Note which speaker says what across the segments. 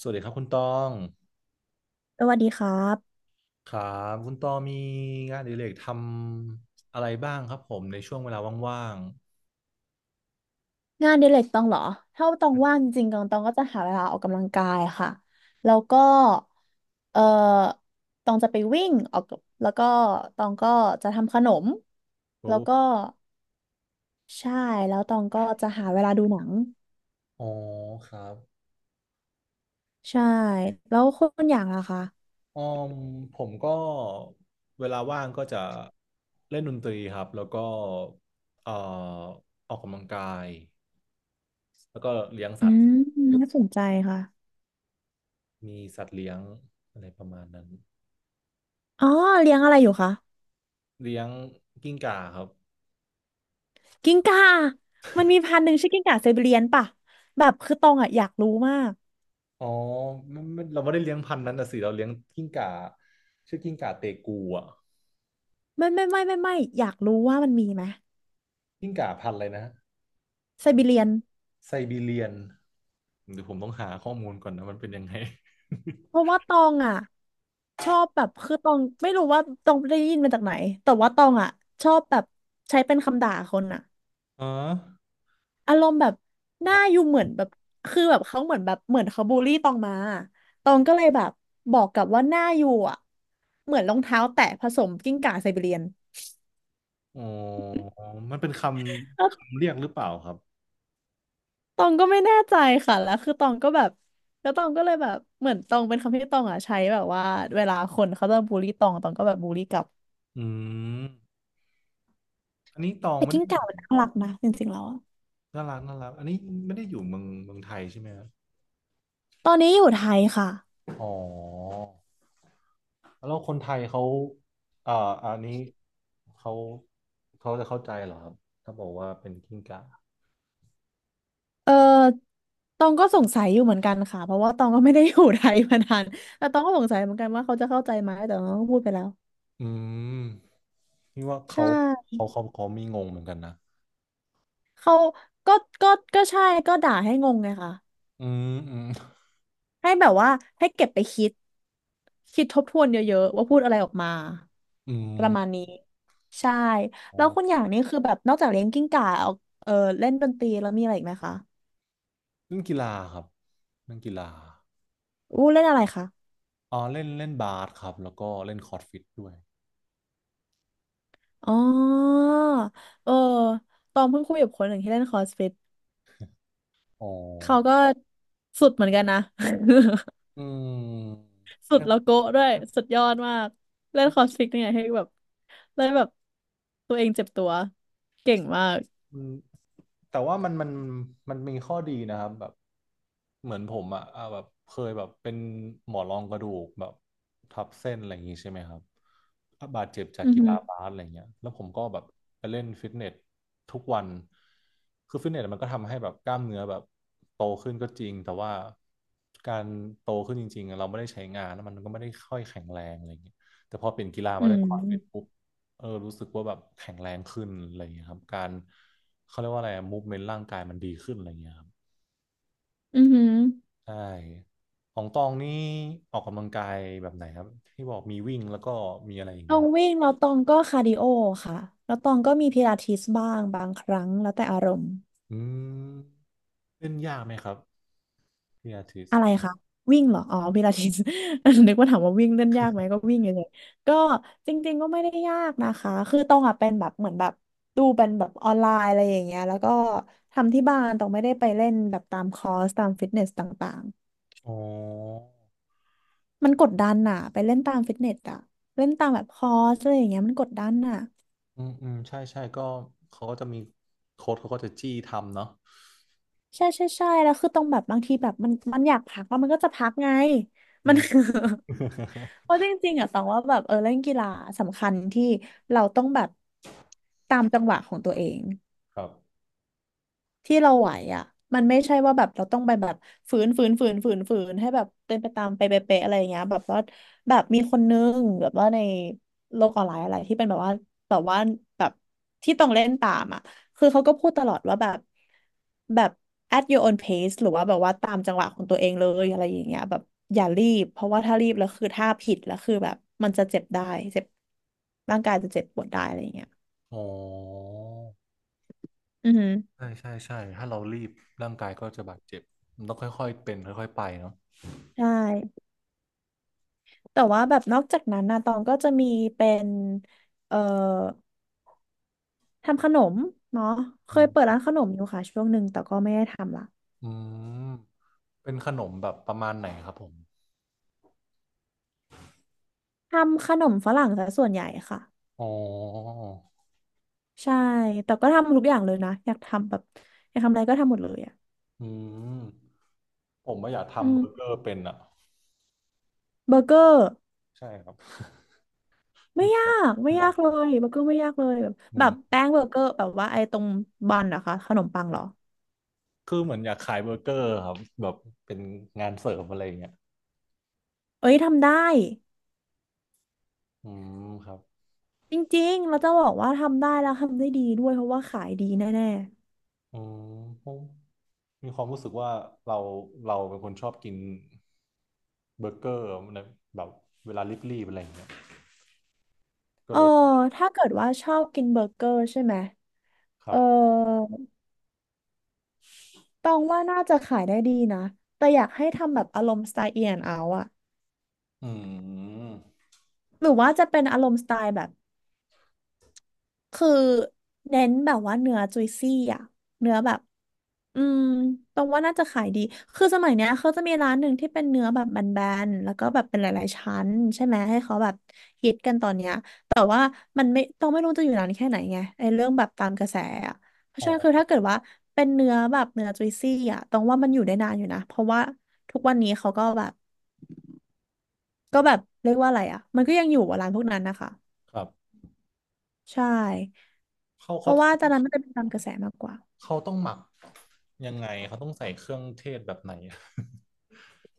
Speaker 1: สวัสดีครับคุณตอง
Speaker 2: สวัสดีครับ
Speaker 1: ครับคุณตองมีงานอดิเรกทำอะไรบ้างครับผมในช่วงเวลาว่าง
Speaker 2: งานอดิเรกตองเหรอถ้าตองว่างจริงๆตองก็จะหาเวลาออกกำลังกายค่ะแล้วก็เออตองจะไปวิ่งออกกับแล้วก็ตองก็จะทำขนม
Speaker 1: ๆ
Speaker 2: แล้
Speaker 1: โอ้
Speaker 2: วก็ใช่แล้วตองก็จะหาเวลาดูหนัง
Speaker 1: อ๋อครับ
Speaker 2: ใช่แล้วคุณอย่างล่ะคะ
Speaker 1: อ๋อมผมก็เวลาว่างก็จะเล่นดนตรีครับแล้วก็เอ่อออกกำลังกายแล้วก็เลี้ยง
Speaker 2: อื
Speaker 1: สัตว์
Speaker 2: มน่าสนใจค่ะ
Speaker 1: มีสัตว์เลี้ยงอะไรประมาณนั้น
Speaker 2: อ๋อเลี้ยงอะไรอยู่คะ
Speaker 1: เลี้ยงกิ้งก่าครับ
Speaker 2: กิ้งก่ามันมีพันธุ์หนึ่งชื่อกิ้งก่าไซบีเรียนป่ะแบบคือตองอะอยากรู้มาก
Speaker 1: อ๋อไม่เราไม่ได้เลี้ยงพันธุ์นั้นนะสิเราเลี้ยงกิ้งก่าชื่อกิ้งก่าเตกูอ่ะ
Speaker 2: ไม่ไม่ไม่ไม่ไม่อยากรู้ว่ามันมีไหม
Speaker 1: กิ้งก่าพันธุ์อะไรนะ
Speaker 2: ไซบีเรียน
Speaker 1: ไซบีเรียนเดี๋ยวผมต้องหาข้อมูลก่อนนะมันเป็นยังไง
Speaker 2: เพราะว่าตองอ่ะชอบแบบคือตองไม่รู้ว่าตองได้ยินมาจากไหนแต่ว่าตองอ่ะชอบแบบใช้เป็นคำด่าคนอ่ะ
Speaker 1: อ๋อ
Speaker 2: อารมณ์แบบหน้าอยู่เหมือนแบบคือแบบเขาเหมือนแบบเหมือนเขาบูลลี่ตองมาตองก็เลยแบบบอกกลับว่าหน้าอยู่อ่ะเหมือนรองเท้าแตะผสมกิ้งก่าไซบีเรียน
Speaker 1: อ๋อมันเป็นค
Speaker 2: แล้ว
Speaker 1: ำคำเรียกหรือเปล่าครับ
Speaker 2: ตองก็ไม่แน่ใจค่ะแล้วคือตองก็แบบแล้วตองก็เลยแบบเหมือนตองเป็นคำที่ตองอ่ะใช้แบบว่าเวลาคนเขาจะบูลลี่ตองตองก็แบบบูลลี่กลับ
Speaker 1: อืมอันนี้ตอง
Speaker 2: แต่
Speaker 1: ไม่
Speaker 2: กิ้
Speaker 1: ได้
Speaker 2: งก่ามันน่ารักนะจริงๆแล้ว
Speaker 1: น่ารักน่ารักอันนี้ไม่ได้อยู่เมืองไทยใช่ไหมครับ
Speaker 2: ตอนนี้อยู่ไทยค่ะ
Speaker 1: อ๋อแล้วคนไทยเขาเอ่ออันนี้เขาเขาจะเข้าใจเหรอครับถ้าบอกว่าเป็นกิ้งก่า
Speaker 2: เออตองก็สงสัยอยู่เหมือนกันค่ะ เพราะว่าตองก็ไม่ได้อยู่ไทยมานาน แต่ตองก็สงสัยเหมือนกันว่าเขาจะเข้าใจไหมแต่ตองก็พูดไปแล้ว
Speaker 1: อืมนี่ว่า
Speaker 2: ใช
Speaker 1: เขา
Speaker 2: ่
Speaker 1: เขามีงงเหมือนกันนะ
Speaker 2: เขาก็ก็ใช่ก็ด่าให้งงไงค่ะ
Speaker 1: อืมอืม
Speaker 2: ให้แบบว่าให้เก็บไปคิดคิดทบทวนเยอะๆว่าพูดอะไรออกมา
Speaker 1: อื
Speaker 2: ประมาณนี้ใช่แล้วคุณ
Speaker 1: ม
Speaker 2: อย่างนี้คือแบบนอกจากเลี้ยงกิ้งก่าเอาเออเล่นดนตรีแล้วมีอะไรอีกไหมคะ
Speaker 1: เล่นกีฬาครับเล่นกีฬา
Speaker 2: อู้เล่นอะไรคะ
Speaker 1: อ๋อเล่นเล่นบาสครับแล้วก็เล่นคอร์ดฟิตด้วย
Speaker 2: อ๋อเออตองเพิ่งคุยกับคนหนึ่งที่เล่นคอสฟิต
Speaker 1: อ๋อ
Speaker 2: เขาก็สุดเหมือนกันนะ
Speaker 1: อืม
Speaker 2: สุดแล้วโกะด้วย สุดยอดมาก เล่นคอสฟิตเนี่ยให้แบบเล่นแบบตัวเองเจ็บตัวเก่งมาก
Speaker 1: อืมแต่ว่ามันมีข้อดีนะครับแบบเหมือนผมอะอ่ะแบบเคยแบบเป็นหมอนรองกระดูกแบบทับเส้นอะไรอย่างงี้ใช่ไหมครับบาดเจ็บจาก
Speaker 2: อือ
Speaker 1: กี
Speaker 2: หือ
Speaker 1: ฬาบาสอะไรเงี้ยแล้วผมก็แบบไปเล่นฟิตเนสทุกวันคือฟิตเนสมันก็ทำให้แบบกล้ามเนื้อแบบโตขึ้นก็จริงแต่ว่าการโตขึ้นจริงๆอะเราไม่ได้ใช้งานแล้วมันก็ไม่ได้ค่อยแข็งแรงอะไรเงี้ยแต่พอเปลี่ยนกีฬา
Speaker 2: อื
Speaker 1: มาเล่นคอร์ดฟิต
Speaker 2: ม
Speaker 1: ปุ๊บเออรู้สึกว่าแบบแข็งแรงขึ้นอะไรอย่างเงี้ยครับการ เขาเรียกว่าอะไรมูฟเมนต์ร่างกายมันดีขึ้นอะไรเงี้ยครับ
Speaker 2: อือหือ
Speaker 1: ใช่ของตองนี่ออกกำลังกายแบบไหนครับที่บอกมีวิ่งแล้วก็มีอะไรอีก
Speaker 2: ตอ
Speaker 1: นะ
Speaker 2: งวิ่งแล้วตองก็คาร์ดิโอค่ะ แล้วตองก็มีพิลาทิสบ้างบางครั้งแล้วแต่อารมณ์
Speaker 1: อืมเล่นยากไหมครับพี่อาทิตย์
Speaker 2: อะไรคะวิ่งเหรออ๋อพิลาทิส นึกว่าถามว่าวิ่งเล่นยากไหมก็วิ่งเฉยๆก็จริงๆก็ไม่ได้ยากนะคะคือตองอ่ะเป็นแบบเหมือนแบบดูเป็นแบบออนไลน์อะไรอย่างเงี้ยแล้วก็ทำที่บ้านตองไม่ได้ไปเล่นแบบตามคอร์สตามฟิตเนสต่าง
Speaker 1: อ๋อ
Speaker 2: ๆมันกดดันน่ะไปเล่นตามฟิตเนสอะเล่นตามแบบคอร์สอะไรอย่างเงี้ยมันกดดันน่ะ
Speaker 1: อืมอืมใช่ใช่ก็เขาก็จะมีโค้ดเขาก็จะจี้ทำเนาะ
Speaker 2: ใช่ใช่ใช่แล้วคือตองแบบบางทีแบบมันอยากพักแล้วมันก็จะพักไง
Speaker 1: อื
Speaker 2: มัน
Speaker 1: ม
Speaker 2: เพราะจริงๆอ่ะตองว่าแบบเล่นกีฬาสำคัญที่เราต้องแบบตามจังหวะของตัวเอง
Speaker 1: ครับ
Speaker 2: ที่เราไหวอ่ะมันไม่ใช่ว่าแบบเราต้องไปแบบฝืนให้แบบเป็นไปตามไปเป๊ะๆอะไรอย่างเงี้ยแบบว่าแบบมีคนนึงแบบว่าในโลกออนไลน์อะไรที่เป็นแบบว่าแบบว่าแบบที่ต้องเล่นตามอ่ะคือเขาก็พูดตลอดว่าแบบแบบ at your own pace หรือว่าแบบว่าตามจังหวะของตัวเองเลยอะไรอย่างเงี้ยแบบอย่ารีบเพราะว่าถ้ารีบแล้วคือถ้าผิดแล้วคือแบบมันจะเจ็บได้เจ็บร่างกายจะเจ็บปวดได้อะไรอย่างเงี้ย
Speaker 1: อ๋อ
Speaker 2: อือฮึ
Speaker 1: ใช่ใช่ใช่ถ้าเรารีบร่างกายก็จะบาดเจ็บมันต้องค่อยๆเป็นค่อยๆไปเนาะ
Speaker 2: ใช่ แต่ว่าแบบนอกจากนั้นนะตองก็จะมีเป็นเอ่อทำขนมเนาะเค
Speaker 1: อื
Speaker 2: ยเปิด
Speaker 1: ม
Speaker 2: ร้านขนมอยู่ค่ะช่วงหนึ่งแต่ก็ไม่ได้ทำละ
Speaker 1: อืมเป็นขนมแบบประมาณไหนครับผม
Speaker 2: ทำขนมฝรั่งซะส่วนใหญ่ค่ะ
Speaker 1: อ๋อ
Speaker 2: ใช่แต่ก็ทำทุกอย่างเลยนะอยากทำแบบอยากทำอะไรก็ทำหมดเลยอ่ะ
Speaker 1: อืมผมไม่าอยาก
Speaker 2: อื
Speaker 1: ทำเบอร์เก
Speaker 2: ม
Speaker 1: อร์เป็นอ่ะ
Speaker 2: เบอร์เกอร์
Speaker 1: ใช่ครับ
Speaker 2: ไม่ยาก
Speaker 1: ข
Speaker 2: ไม่
Speaker 1: น
Speaker 2: ยา
Speaker 1: ม
Speaker 2: กเลยเบอร์เกอร์ไม่ยากเลยแบบ
Speaker 1: อื
Speaker 2: แบบ
Speaker 1: ม
Speaker 2: แป้งเบอร์เกอร์แบบว่าไอ้ตรงบันเหรอะคะขนมปังเหรอ
Speaker 1: คือเหมือนอยากขายเบอร์เกอร์ครับแบบเป็นงานเสริมอะไรอย่างเงี้ย
Speaker 2: เอ้ยทำได้
Speaker 1: อืมครับ
Speaker 2: จริงๆเราจะบอกว่าทำได้แล้วทำได้ดีด้วยเพราะว่าขายดีแน่
Speaker 1: อืมผมมีความรู้สึกว่าเราเราเป็นคนชอบกินเบอร์เกอร์นะแบบเวลารีบๆอะไรอย่างเงี้ยก็
Speaker 2: เออ
Speaker 1: เลย
Speaker 2: ถ้าเกิดว่าชอบกินเบอร์เกอร์ใช่ไหม
Speaker 1: ค
Speaker 2: เอ
Speaker 1: รั
Speaker 2: อ
Speaker 1: บ
Speaker 2: ตองว่าน่าจะขายได้ดีนะ แต่อยากให้ทำแบบอารมณ์สไตล์เอียนเอาอะ
Speaker 1: อืม
Speaker 2: หรือว่าจะเป็นอารมณ์สไตล์แบบ คือเน้นแบบว่าเนื้อจุยซี่อ่ะเนื้อแบบอืมตรงว่าน่าจะขายดีคือสมัยเนี้ยเขาจะมีร้านหนึ่งที่เป็นเนื้อแบบแบนๆแล้วก็แบบเป็นหลายๆชั้นใช่ไหมให้เขาแบบฮิตกันตอนเนี้ยแต่ว่ามันไม่รู้จะอยู่นานแค่ไหนไงไอ้เรื่องแบบตามกระแสอะเพราะ
Speaker 1: อ๋
Speaker 2: ฉะ
Speaker 1: อ
Speaker 2: นั้นคือถ้าเกิดว่าเป็นเนื้อแบบเนื้อจุยซี่อ่ะตรงว่ามันอยู่ได้นานอยู่นะเพราะว่าทุกวันนี้เขาก็แบบเรียกว่าอะไรอ่ะมันก็ยังอยู่อะร้านพวกนั้นนะคะ
Speaker 1: ครับ
Speaker 2: ใช่
Speaker 1: เขา
Speaker 2: เพ
Speaker 1: เขา
Speaker 2: ราะว่าตอนนั้นมันจะเป็นตามกระแสมากกว่า
Speaker 1: เขาต้องหมักยังไงเขาต้องใส่เครื่องเทศแบบไหน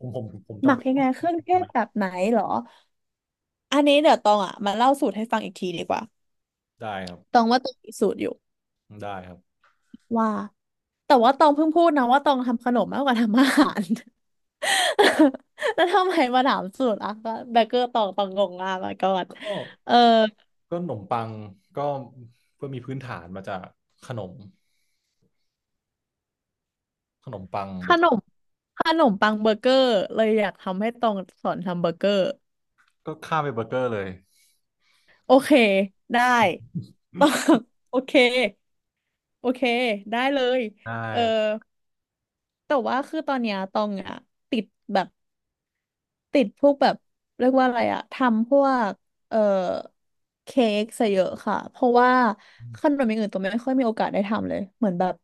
Speaker 1: ผม
Speaker 2: หมั
Speaker 1: จำ
Speaker 2: ก
Speaker 1: เป็น
Speaker 2: ยัง
Speaker 1: ต้อ
Speaker 2: ไง
Speaker 1: ง
Speaker 2: เค
Speaker 1: ซื้อ
Speaker 2: รื่องเท
Speaker 1: ไหม
Speaker 2: ศแบบไหนเหรออันนี้เดี๋ยวตองอ่ะมาเล่าสูตรให้ฟังอีกทีดีกว่า
Speaker 1: ได้ครับ
Speaker 2: ตองว่าตองมีสูตรอยู่
Speaker 1: ได้ครับ
Speaker 2: ว่าแต่ว่าตองเพิ่งพูดนะว่าตองทำขนมมากกว่าทำอาหาร แล้วทำไมมาถามสูตรอ่ะเบเกอร์ตองงงมากมาก่อน
Speaker 1: ก็
Speaker 2: เออ
Speaker 1: ก็ขนมปังก็เพื่อมีพื้นฐานมาจากขนมขนมปัง
Speaker 2: ข
Speaker 1: เบอ
Speaker 2: น
Speaker 1: ร์
Speaker 2: มขนมปังเบอร์เกอร์เลยอยากทำให้ตองสอนทำเบอร์เกอร์
Speaker 1: ก็ข้ามไปเบอร์เกอร์เลย
Speaker 2: โอเคได้ ตองโอเคโอเคได้เลย
Speaker 1: ได้
Speaker 2: เออ แต่ว่าคือตอนเนี้ยตองอะติดแบบติดพวกแบบเรียกว่าอะไรอะทำพวกเอ่อเค้กซะเยอะค่ะเพราะว่าขนมอย่างอื่นตองไม่ค่อยมีโอกาสได้ทำเลยเหมือนแบบ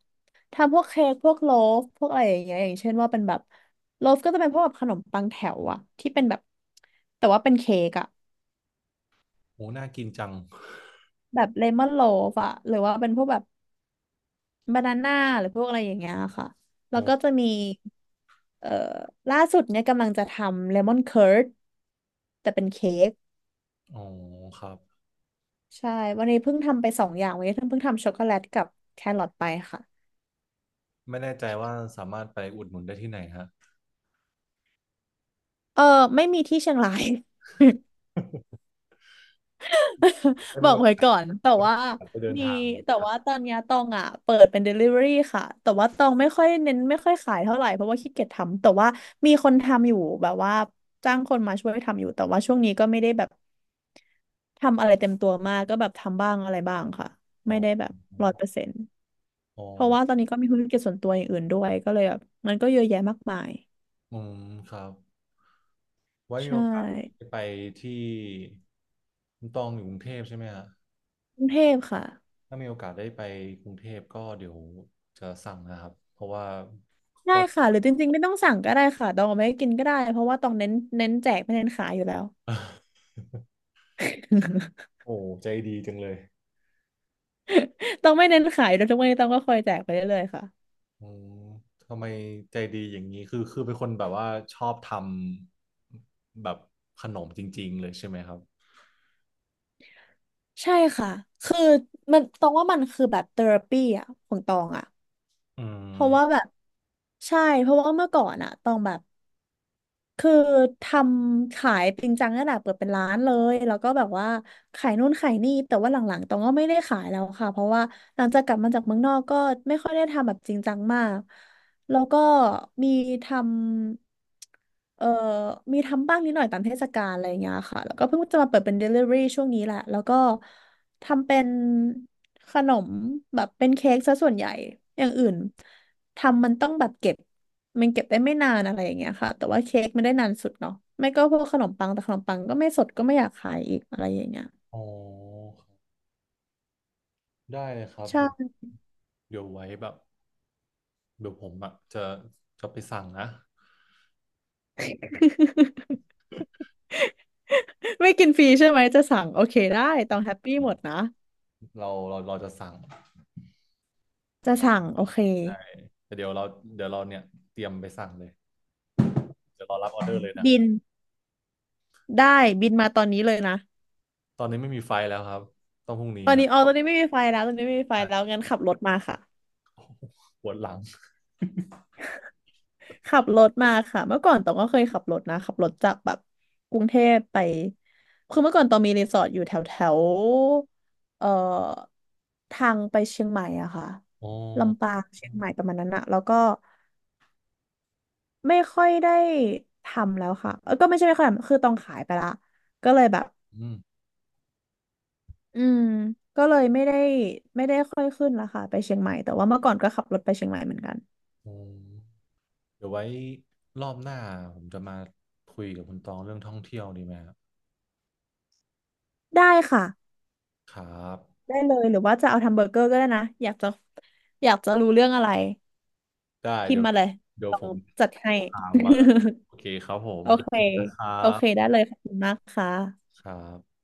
Speaker 2: ทำพวกเค้กพวกโลฟพวกอะไรอย่างเงี้ยอย่างเช่นว่าเป็นแบบโลฟก็จะเป็นพวกแบบขนมปังแถวอะที่เป็นแบบแต่ว่าเป็นเค้กอะ
Speaker 1: โอ้น่ากินจัง
Speaker 2: แบบเลมอนโลฟอะหรือว่าเป็นพวกแบบ บานาน่าหรือพวกอะไรอย่างเงี้ยค่ะ แล้
Speaker 1: โอ้
Speaker 2: วก็จะมีเอ่อล่าสุดเนี่ยกำลังจะทำเลมอนเคิร์ดแต่เป็นเค้ก
Speaker 1: อ๋อครับ
Speaker 2: ใช่วันนี้เพิ่งทำไปสองอย่างวันนี้เพิ่งทำช็อกโกแลตกับแครอทไปค่ะ
Speaker 1: ไม่แน่ใจว่าสามารถไปอุดหนุนได้ที่ไหนฮะ
Speaker 2: เออไม่มีที่เชียงราย
Speaker 1: ได้
Speaker 2: บ
Speaker 1: มี
Speaker 2: อกไว้
Speaker 1: โอ
Speaker 2: ก่อนแต่ว่า
Speaker 1: กาสไปเดิน
Speaker 2: มี
Speaker 1: ทาง
Speaker 2: แต่ว่าตอนเนี้ยตองอ่ะเปิดเป็น Delivery ค่ะแต่ว่าตองไม่ค่อยเน้นไม่ค่อยขายเท่าไหร่เพราะว่าขี้เกียจทำแต่ว่ามีคนทำอยู่แบบว่าจ้างคนมาช่วยทำอยู่แต่ว่าช่วงนี้ก็ไม่ได้แบบ ทำอะไรเต็มตัวมากก็แบบทำบ้างอะไรบ้างค่ะ
Speaker 1: อ๋อ
Speaker 2: ไม่ได้แบบ100%
Speaker 1: อ๋อ
Speaker 2: เพราะว่าตอนนี้ก็มีธุรกิจส่วนตัวอย่างอื่นด้วยก็เลยแบบมันก็เยอะแยะมากมาย
Speaker 1: อืมครับไว้มี
Speaker 2: ใช
Speaker 1: โอกาส
Speaker 2: ่
Speaker 1: ไปที่คุณตองอยู่กรุงเทพใช่ไหมฮะ
Speaker 2: กรุงเทพค่ะ
Speaker 1: ถ้ามีโอกาสได้ไปกรุงเทพก็เดี๋ยวจะสั่งนะครับเพราะว่า
Speaker 2: ได้
Speaker 1: ก็
Speaker 2: ค่ะหรือจริงๆไม่ต้องสั่งก็ได้ค่ะตองเอาไม่กินก็ได้เพราะว่าตองเน้นเน้นแจกไม่เน้นขายอยู่แล้ว
Speaker 1: โอ้ใจดีจังเลย
Speaker 2: ตองไม่เน้นขายโดยทุกวันนี้ตองก็คอยแจกไปเรื่อยๆค่ะ
Speaker 1: อืมทำไมใจดีอย่างนี้คือคือเป็นคนแบบว่าชอบทำแบบขนมจริงๆเลยใช่ไหมครับ
Speaker 2: ใช่ค่ะคือมันตองว่ามันคือแบบเทอราปีอ่ะของตองอ่ะ
Speaker 1: อื
Speaker 2: เพราะว่า
Speaker 1: ม
Speaker 2: แบบใช่เพราะว่าเมื่อก่อนอ่ะตองแบบ คือทำขายจริงจังขนาดเปิดเป็นร้านเลยแล้วก็แบบว่าขายนู่นขายนี่แต่ว่าหลังๆตองก็ไม่ได้ขายแล้วค่ะ เพราะว่าหลังจากกลับมาจากเมืองนอกก็ไม่ค่อยได้ทำแบบจริงจังมาก แล้วก็มีทำมีทำบ้างนิดหน่อยตามเทศกาลอะไรอย่างเงี้ยค่ะแล้วก็เพิ่งจะมาเปิดเป็น Delivery ช่วงนี้แหละแล้วก็ทำเป็นขนมแบบเป็นเค้กซะส่วนใหญ่อย่างอื่นทำมันต้องแบบเก็บ มันเก็บได้ไม่นานอะไรอย่างเงี้ยค่ะแต่ว่าเค้กไม่ได้นานสุดเนาะไม่ก็พวกขนมปังแต่ขนมปังก็ไม่สดก็ไม่อยากขายอีกอะไรอย่างเงี้ย
Speaker 1: อ๋อได้เลยครับเดี๋ยว
Speaker 2: ใช่
Speaker 1: เดี๋ยวไว้แบบเดี๋ยวผมอะจะจะไปสั่งนะ
Speaker 2: ไม่กินฟรีใช่ไหมจะสั่งโอเคได้ต้องแฮปปี้
Speaker 1: อื
Speaker 2: หมดนะ
Speaker 1: มเราจะสั่ง
Speaker 2: จะสั่งโอเค
Speaker 1: ไปแต่เดี๋ยวเราเดี๋ยวเราเนี่ยเตรียมไปสั่งเลยเดี๋ยวเรารับออเดอร์เลยนะ
Speaker 2: บินได้บินมาตอนนี้เลยนะ
Speaker 1: ตอนนี้ไม่มีไฟแล้วครับต้องพรุ่งนี้
Speaker 2: ตอน
Speaker 1: ครั
Speaker 2: นี้อ๋อ
Speaker 1: บ
Speaker 2: ตอนนี้ไม่มีไฟแล้วตอนนี้ไม่มีไฟแล้
Speaker 1: อ่ะ
Speaker 2: วงั้นขับรถมาค่ะ
Speaker 1: ปวดหลัง
Speaker 2: ขับรถมาค่ะเมื่อก่อนตองก็เคยขับรถนะขับรถจากแบบกรุงเทพไปคือเมื่อก่อนตองมีรีสอร์ทอยู่แถวแถวเอ่อทางไปเชียงใหม่อะค่ะ
Speaker 1: อ๋อ
Speaker 2: ลำปางเชียงใหม่ประมาณนั้นอะแล้วก็ไม่ค่อยได้ทำแล้วค่ะเออก็ไม่ใช่ไม่ค่อยทำคือตองขายไปละก็เลยแบบ
Speaker 1: อืม
Speaker 2: อืมก็เลยไม่ได้ไม่ได้ค่อยขึ้นละค่ะไปเชียงใหม่แต่ว่าเมื่อก่อนก็ขับรถไปเชียงใหม่เหมือนกัน
Speaker 1: อืมเดี๋ยวไว้รอบหน้าผมจะมาคุยกับคุณตองเรื่องท่องเที่ยวดีไหมครับ
Speaker 2: ได้ค่ะ
Speaker 1: ครับ
Speaker 2: ได้เลยหรือว่าจะเอาทำเบอร์เกอร์ก็ได้นะอยากจะรู้เรื่องอะไร
Speaker 1: ได้
Speaker 2: พิม
Speaker 1: เดี๋ย
Speaker 2: พ์
Speaker 1: ว
Speaker 2: มาเลย
Speaker 1: เดี๋ยว
Speaker 2: ลอ
Speaker 1: ผ
Speaker 2: ง
Speaker 1: ม
Speaker 2: จัดให้
Speaker 1: ถามมาโอเคครับผ ม
Speaker 2: โอเค
Speaker 1: ครั
Speaker 2: โอเค
Speaker 1: บ
Speaker 2: ได้เลยขอบคุณมากค่ะ
Speaker 1: ครับ